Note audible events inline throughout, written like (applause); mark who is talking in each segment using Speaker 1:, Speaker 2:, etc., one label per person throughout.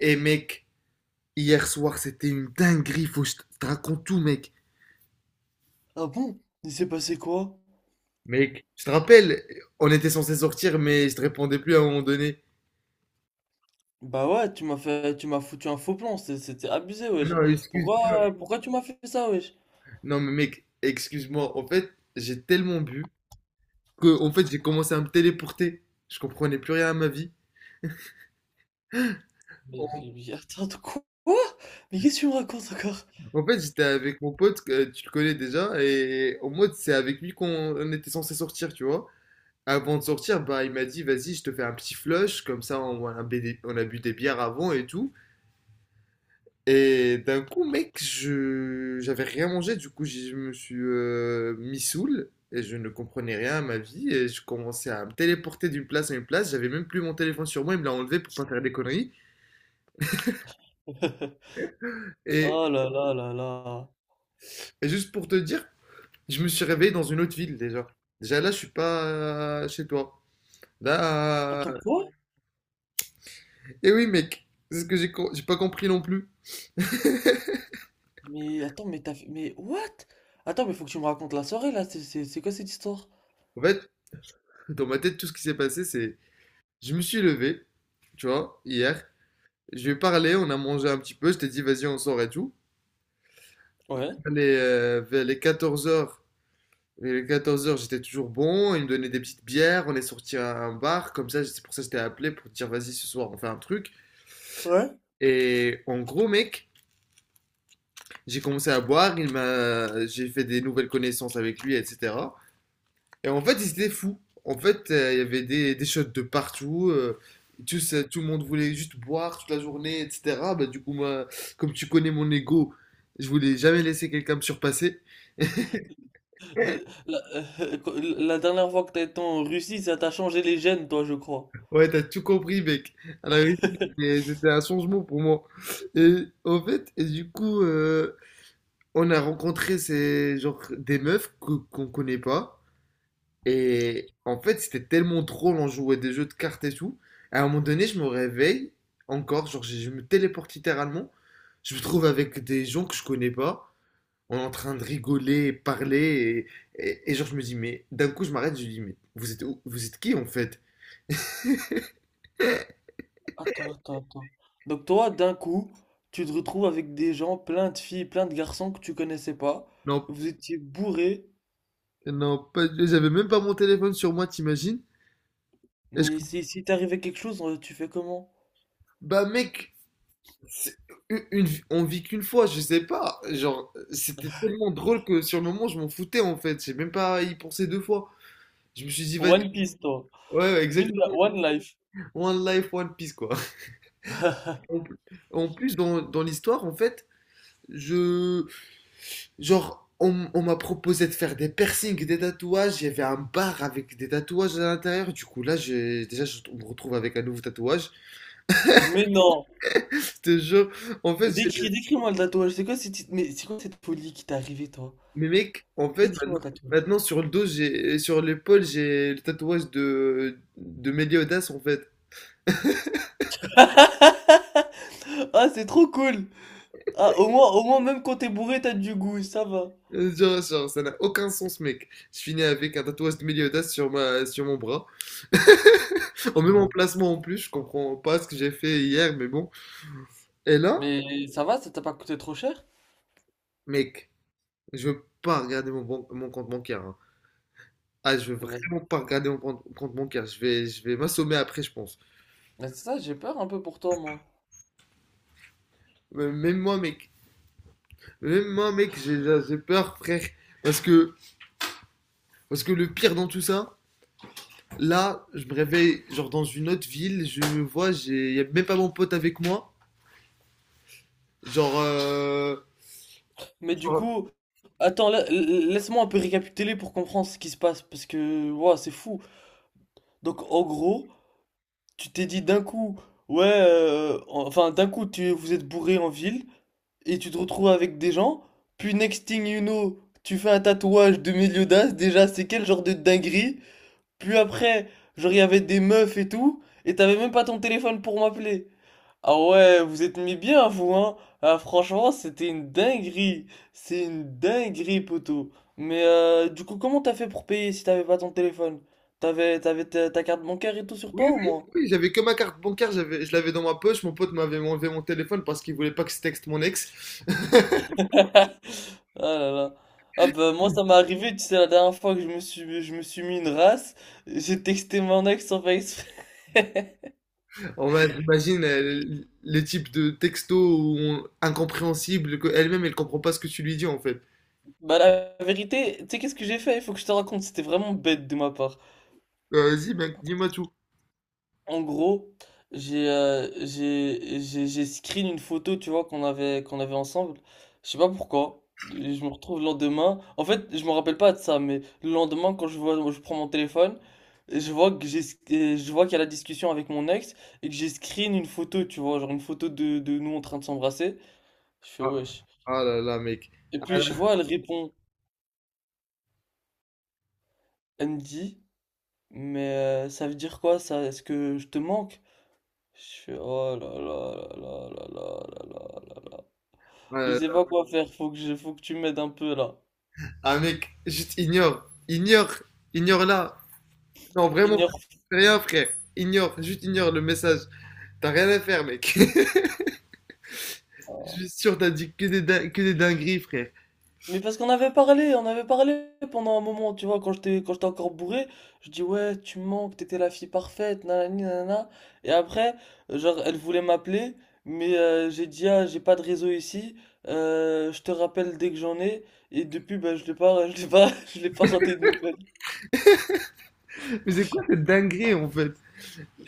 Speaker 1: Et mec, hier soir, c'était une dinguerie. Faut que je te raconte tout, mec.
Speaker 2: Ah bon? Il s'est passé quoi?
Speaker 1: Mec, je te rappelle, on était censé sortir, mais je te répondais plus à un moment donné.
Speaker 2: Bah ouais, tu m'as foutu un faux plan, c'était abusé, wesh.
Speaker 1: Non, excuse-moi.
Speaker 2: Pourquoi tu m'as fait ça, wesh?
Speaker 1: Non, mais mec, excuse-moi. En fait, j'ai tellement bu que, en fait, j'ai commencé à me téléporter. Je comprenais plus rien à ma vie.
Speaker 2: Mais,
Speaker 1: En,
Speaker 2: mais attends, de quoi? Mais qu'est-ce que tu me racontes encore?
Speaker 1: en fait, j'étais avec mon pote, que tu le connais déjà, et en mode, c'est avec lui qu'on on était censé sortir, tu vois. Avant de sortir, bah, il m'a dit, vas-y, je te fais un petit flush, comme ça, on a bu des bières avant et tout. Et d'un coup, mec, je j'avais rien mangé, du coup, je me suis mis saoul et je ne comprenais rien à ma vie et je commençais à me téléporter d'une place à une place. J'avais même plus mon téléphone sur moi, il me l'a enlevé pour pas faire des conneries.
Speaker 2: (laughs)
Speaker 1: Et,
Speaker 2: Oh là là là là.
Speaker 1: et juste pour te dire, je me suis réveillé dans une autre ville déjà. Déjà là, je suis pas chez toi. Là,
Speaker 2: Attends, quoi?
Speaker 1: et oui, mec, c'est ce que j'ai pas compris non plus.
Speaker 2: Mais attends, mais what? Attends, mais faut que tu me racontes la soirée, là, c'est quoi cette histoire?
Speaker 1: En fait, dans ma tête, tout ce qui s'est passé, c'est je me suis levé, tu vois, hier. Je lui ai parlé, on a mangé un petit peu, je t'ai dit vas-y on sort et tout.
Speaker 2: Ouais.
Speaker 1: Vers les 14 heures, les 14 heures j'étais toujours bon, il me donnait des petites bières, on est sorti à un bar, comme ça c'est pour ça que je t'ai appelé pour te dire vas-y ce soir on fait un truc.
Speaker 2: Ouais.
Speaker 1: Et en gros mec, j'ai commencé à boire, j'ai fait des nouvelles connaissances avec lui, etc. Et en fait, ils étaient fous. En fait, il y avait des shots de partout. Tout, tout le monde voulait juste boire toute la journée, etc. Bah, du coup, moi, comme tu connais mon ego, je voulais jamais laisser quelqu'un me surpasser.
Speaker 2: (laughs) Euh, La, euh, (laughs) la dernière fois que t'as été en Russie, ça t'a changé les gènes, toi, je crois.
Speaker 1: Ouais, t'as tout compris, mec. À la vérité,
Speaker 2: (laughs)
Speaker 1: c'était un changement pour moi. Et en fait, et du coup, on a rencontré ces, genre, des meufs qu'on connaît pas. Et en fait, c'était tellement drôle, on jouait des jeux de cartes et tout. À un moment donné, je me réveille encore, genre je me téléporte littéralement. Je me trouve avec des gens que je connais pas. On est en train de rigoler, parler. Et genre, je me dis, mais d'un coup, je m'arrête, je lui dis, mais vous êtes, vous êtes qui en fait?
Speaker 2: Attends. Donc toi, d'un coup, tu te retrouves avec des gens, plein de filles, plein de garçons que tu connaissais pas.
Speaker 1: Non,
Speaker 2: Vous étiez bourrés.
Speaker 1: non, j'avais même pas mon téléphone sur moi, t'imagines? Est-ce
Speaker 2: Mais
Speaker 1: que-
Speaker 2: si, si t'arrivait quelque chose, tu fais comment?
Speaker 1: Bah mec, c'est- une on vit qu'une fois, je sais pas. Genre, c'était tellement drôle que sur le moment, je m'en foutais en fait. J'ai même pas y pensé deux fois. Je me suis dit, vas-y,
Speaker 2: One Piece, toi.
Speaker 1: ouais,
Speaker 2: Une,
Speaker 1: exactement.
Speaker 2: One Life.
Speaker 1: One life, one piece, quoi. En pl- en plus, dans l'histoire, en fait, je. Genre, on m'a proposé de faire des piercings, des tatouages. Il y avait un bar avec des tatouages à l'intérieur. Du coup, là, j'ai, déjà, je on me retrouve avec un nouveau tatouage. (laughs)
Speaker 2: Mais non.
Speaker 1: C'était genre, en fait,
Speaker 2: Décris-moi le tatouage. C'est quoi cette, mais c'est quoi cette folie qui t'est arrivée, toi?
Speaker 1: mais mec, en fait,
Speaker 2: Décris-moi le tatouage.
Speaker 1: maintenant, sur le dos, sur l'épaule, j'ai le tatouage de Meliodas, en fait.
Speaker 2: (laughs) Ah, c'est trop cool. Ah, au moins, même quand t'es bourré, t'as du goût, ça va.
Speaker 1: Genre, ça n'a aucun sens, mec. Je finis avec un tatouage de Meliodas sur ma, sur mon bras. (laughs) Au même
Speaker 2: Punaise.
Speaker 1: emplacement en plus, je comprends pas ce que j'ai fait hier, mais bon. Et là,
Speaker 2: Mais ça va, ça t'a pas coûté trop cher?
Speaker 1: mec, je veux pas regarder mon, mon compte bancaire, hein. Ah, je veux
Speaker 2: Mais-
Speaker 1: vraiment pas regarder mon compte bancaire. Je vais m'assommer après, je pense.
Speaker 2: Mais c'est ça, j'ai peur un peu pour toi, moi.
Speaker 1: Mais même moi, mec. Même moi, mec, j'ai peur, frère. Parce que, parce que le pire dans tout ça, là, je me réveille genre dans une autre ville, je me vois, j'ai, y a même pas mon pote avec moi. Genre,
Speaker 2: Mais du
Speaker 1: genre,
Speaker 2: coup, attends, laisse-moi un peu récapituler pour comprendre ce qui se passe, parce que, ouah, c'est fou. Donc, en gros, tu t'es dit d'un coup, ouais, enfin, d'un coup, vous êtes bourré en ville, et tu te retrouves avec des gens, puis next thing you know, tu fais un tatouage de Meliodas, déjà, c'est quel genre de dinguerie? Puis après, genre, il y avait des meufs et tout, et t'avais même pas ton téléphone pour m'appeler. Ah ouais, vous êtes mis bien, vous, hein? Ah, franchement, c'était une dinguerie. C'est une dinguerie, poteau. Mais du coup, comment t'as fait pour payer si t'avais pas ton téléphone? T'avais ta carte bancaire et tout sur toi,
Speaker 1: oui,
Speaker 2: au
Speaker 1: oui,
Speaker 2: moins?
Speaker 1: oui, j'avais que ma carte bancaire, je l'avais dans ma poche. Mon pote m'avait enlevé mon téléphone parce qu'il voulait pas que je texte mon ex. (laughs)
Speaker 2: Ah là là. Ah bah, moi, ça m'est arrivé, tu sais, la dernière fois que je me suis mis une race, j'ai texté mon ex sans faire exprès. (laughs)
Speaker 1: Imagine les types de texto incompréhensibles qu'elle-même elle comprend pas ce que tu lui dis en fait.
Speaker 2: Bah, la vérité, tu sais, qu'est-ce que j'ai fait? Il faut que je te raconte, c'était vraiment bête de ma part.
Speaker 1: Vas-y, mec, dis-moi tout.
Speaker 2: En gros, j'ai screen une photo, tu vois, qu'on avait ensemble. Je sais pas pourquoi. Je me retrouve le lendemain. En fait, je me rappelle pas de ça, mais le lendemain, je prends mon téléphone, et je vois que j'ai, et je vois qu'il y a la discussion avec mon ex et que j'ai screen une photo, tu vois, genre une photo de nous en train de s'embrasser. Je fais
Speaker 1: Ah,
Speaker 2: wesh.
Speaker 1: ah là là, mec.
Speaker 2: Et puis je vois, elle répond, elle me dit, mais ça veut dire quoi ça? Est-ce que je te manque? Je fais oh là là là là là là là là là. Là.
Speaker 1: Ah, là
Speaker 2: Je sais pas
Speaker 1: là.
Speaker 2: quoi faire, faut que tu m'aides un peu là.
Speaker 1: Ah, mec, ignore là. Non, vraiment,
Speaker 2: Ignore.
Speaker 1: fais rien, frère. Ignore, juste ignore le message. T'as rien à faire, mec. (laughs) Je suis sûr, t'as dit que des, que des dingueries, frère.
Speaker 2: Mais parce qu'on avait parlé, on avait parlé pendant un moment, tu vois, quand j'étais encore bourré, je dis ouais, tu me manques, t'étais la fille parfaite, nanani, nanana. Et après, genre, elle voulait m'appeler, mais j'ai dit ah, j'ai pas de réseau ici, je te rappelle dès que j'en ai, et depuis, bah, je l'ai pas, (laughs) je l'ai pas, (laughs) je l'ai pas raté de nouvelles.
Speaker 1: Mais c'est quoi cette dinguerie, en fait?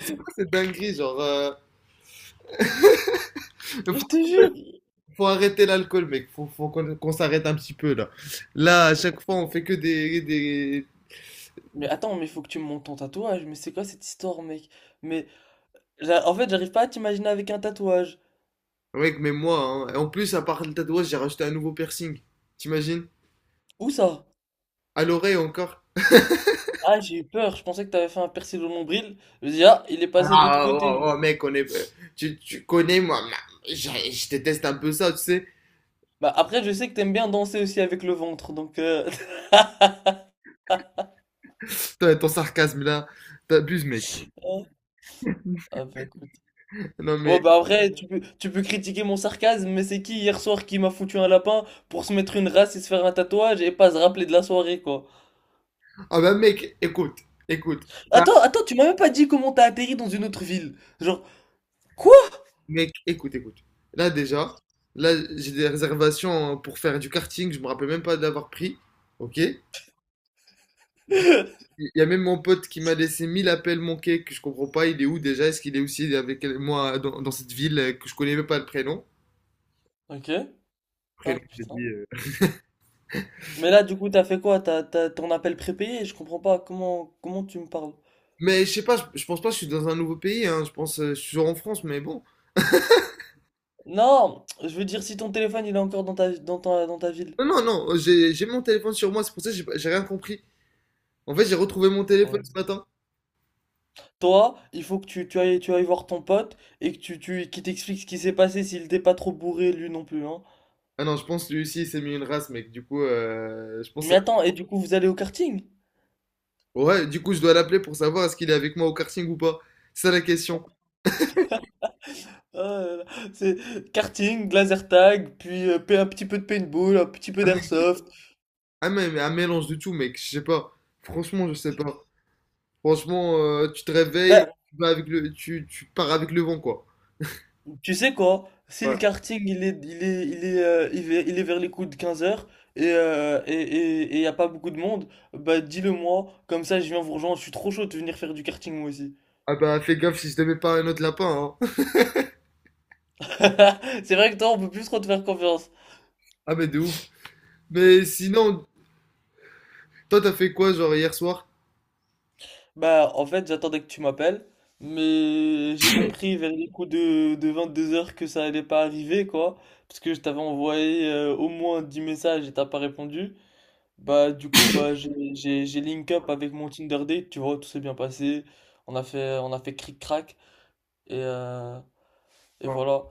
Speaker 1: C'est quoi cette dinguerie, genre...
Speaker 2: Je te
Speaker 1: Faut,
Speaker 2: jure!
Speaker 1: faut arrêter l'alcool, mec. Faut qu'on s'arrête un petit peu, là. Là, à chaque fois, on fait que des...
Speaker 2: Mais attends, mais faut que tu me montes ton tatouage, mais c'est quoi cette histoire, mec? Mais en fait, j'arrive pas à t'imaginer avec un tatouage.
Speaker 1: Mec, mais moi, hein. Et en plus, à part le tatouage, j'ai rajouté un nouveau piercing. T'imagines?
Speaker 2: Où ça?
Speaker 1: À l'oreille, encore.
Speaker 2: Ah, j'ai eu peur. Je pensais que t'avais fait un percé au nombril. Je me dis, ah, il est passé de l'autre
Speaker 1: Ah, oh, oh,
Speaker 2: côté.
Speaker 1: oh, mec, on est... tu connais, moi, je déteste un peu ça, tu sais?
Speaker 2: Bah, après, je sais que t'aimes bien danser aussi avec le ventre, donc.
Speaker 1: Ton sarcasme, là, t'abuses, mec.
Speaker 2: (laughs) Hein. Ah, bah, écoute.
Speaker 1: Non, mais...
Speaker 2: Ouais, bah, après, tu peux critiquer mon sarcasme, mais c'est qui hier soir qui m'a foutu un lapin pour se mettre une race et se faire un tatouage et pas se rappeler de la soirée, quoi?
Speaker 1: Ah bah, mec, écoute.
Speaker 2: Tu m'as même pas dit comment t'as atterri dans une autre ville. Genre, quoi?
Speaker 1: Mec, écoute. Là déjà, là j'ai des réservations pour faire du karting, je me rappelle même pas d'avoir pris. Ok? Il
Speaker 2: (laughs)
Speaker 1: y a même mon pote qui m'a laissé 1000 appels manqués que je comprends pas. Il est où déjà? Est-ce qu'il est aussi avec moi dans, dans cette ville que je connais même pas le prénom?
Speaker 2: Ok. Ah,
Speaker 1: Prénom, j'ai
Speaker 2: putain.
Speaker 1: dit.
Speaker 2: Mais là, du coup, t'as fait quoi? T'as ton appel prépayé? Je comprends pas. Comment tu me parles?
Speaker 1: Mais je sais pas, je pense pas je suis dans un nouveau pays, hein. Je pense je suis toujours en France, mais bon.
Speaker 2: Non, je veux dire si ton téléphone il est encore dans ta, dans ta ville.
Speaker 1: Non, non, non, j'ai mon téléphone sur moi, c'est pour ça que j'ai rien compris. En fait, j'ai retrouvé mon
Speaker 2: Oh
Speaker 1: téléphone
Speaker 2: là.
Speaker 1: ce matin.
Speaker 2: Toi, il faut que tu ailles voir ton pote et que qu'il t'explique ce qui s'est passé s'il t'est pas trop bourré lui non plus, hein.
Speaker 1: Ah non, je pense que lui aussi il s'est mis une race, mec. Du coup, je pense.
Speaker 2: Mais attends, et du coup vous allez au karting?
Speaker 1: Ouais, du coup, je dois l'appeler pour savoir est-ce qu'il est avec moi au karting ou pas. C'est ça la question.
Speaker 2: Ah là là, c'est karting, laser tag, puis un petit peu de paintball, un petit peu
Speaker 1: Ah mais,
Speaker 2: d'airsoft.
Speaker 1: mais un mélange de tout, mec. Je sais pas. Franchement, je sais pas. Franchement, tu te réveilles,
Speaker 2: Bah
Speaker 1: tu vas avec le, tu pars avec le vent, quoi.
Speaker 2: tu sais quoi? Si
Speaker 1: Ouais.
Speaker 2: le karting il est, il est, il est, il est, il est vers les coups de 15 heures et et y a pas beaucoup de monde, bah dis-le moi, comme ça je viens vous rejoindre, je suis trop chaud de venir faire du karting moi aussi.
Speaker 1: Ah bah, fais gaffe si je te mets pas un autre lapin, hein. (laughs)
Speaker 2: (laughs) C'est vrai que toi on peut plus trop te faire confiance.
Speaker 1: Ah mais de ouf. Mais sinon, toi, t'as fait quoi, genre, hier soir?
Speaker 2: Bah en fait j'attendais que tu m'appelles, mais j'ai compris vers les coups de 22 heures que ça allait pas arriver quoi, parce que je t'avais envoyé au moins 10 messages et t'as pas répondu. Bah, du coup, j'ai link up avec mon Tinder date, tu vois, tout s'est bien passé. On a fait cric-crac. Et, euh, et
Speaker 1: Non.
Speaker 2: voilà.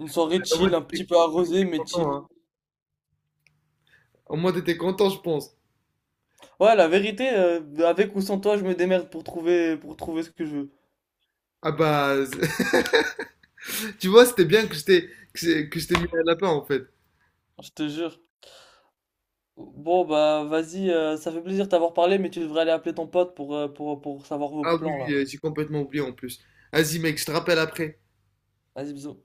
Speaker 2: Une soirée
Speaker 1: Au moins,
Speaker 2: chill, un
Speaker 1: t'étais
Speaker 2: petit peu arrosée, mais
Speaker 1: content,
Speaker 2: chill.
Speaker 1: hein. Au moins, t'étais content, je pense.
Speaker 2: Ouais, la vérité, avec ou sans toi, je me démerde pour trouver ce que je veux.
Speaker 1: Ah bah, (laughs) tu vois, c'était bien que je t'ai mis un lapin, en fait.
Speaker 2: Je te jure. Bon, bah, vas-y, ça fait plaisir de t'avoir parlé, mais tu devrais aller appeler ton pote pour, pour savoir vos
Speaker 1: Ah oui,
Speaker 2: plans,
Speaker 1: oui,
Speaker 2: là.
Speaker 1: j'ai complètement oublié, en plus. Vas-y, mec, je te rappelle après.
Speaker 2: Vas-y, bisous.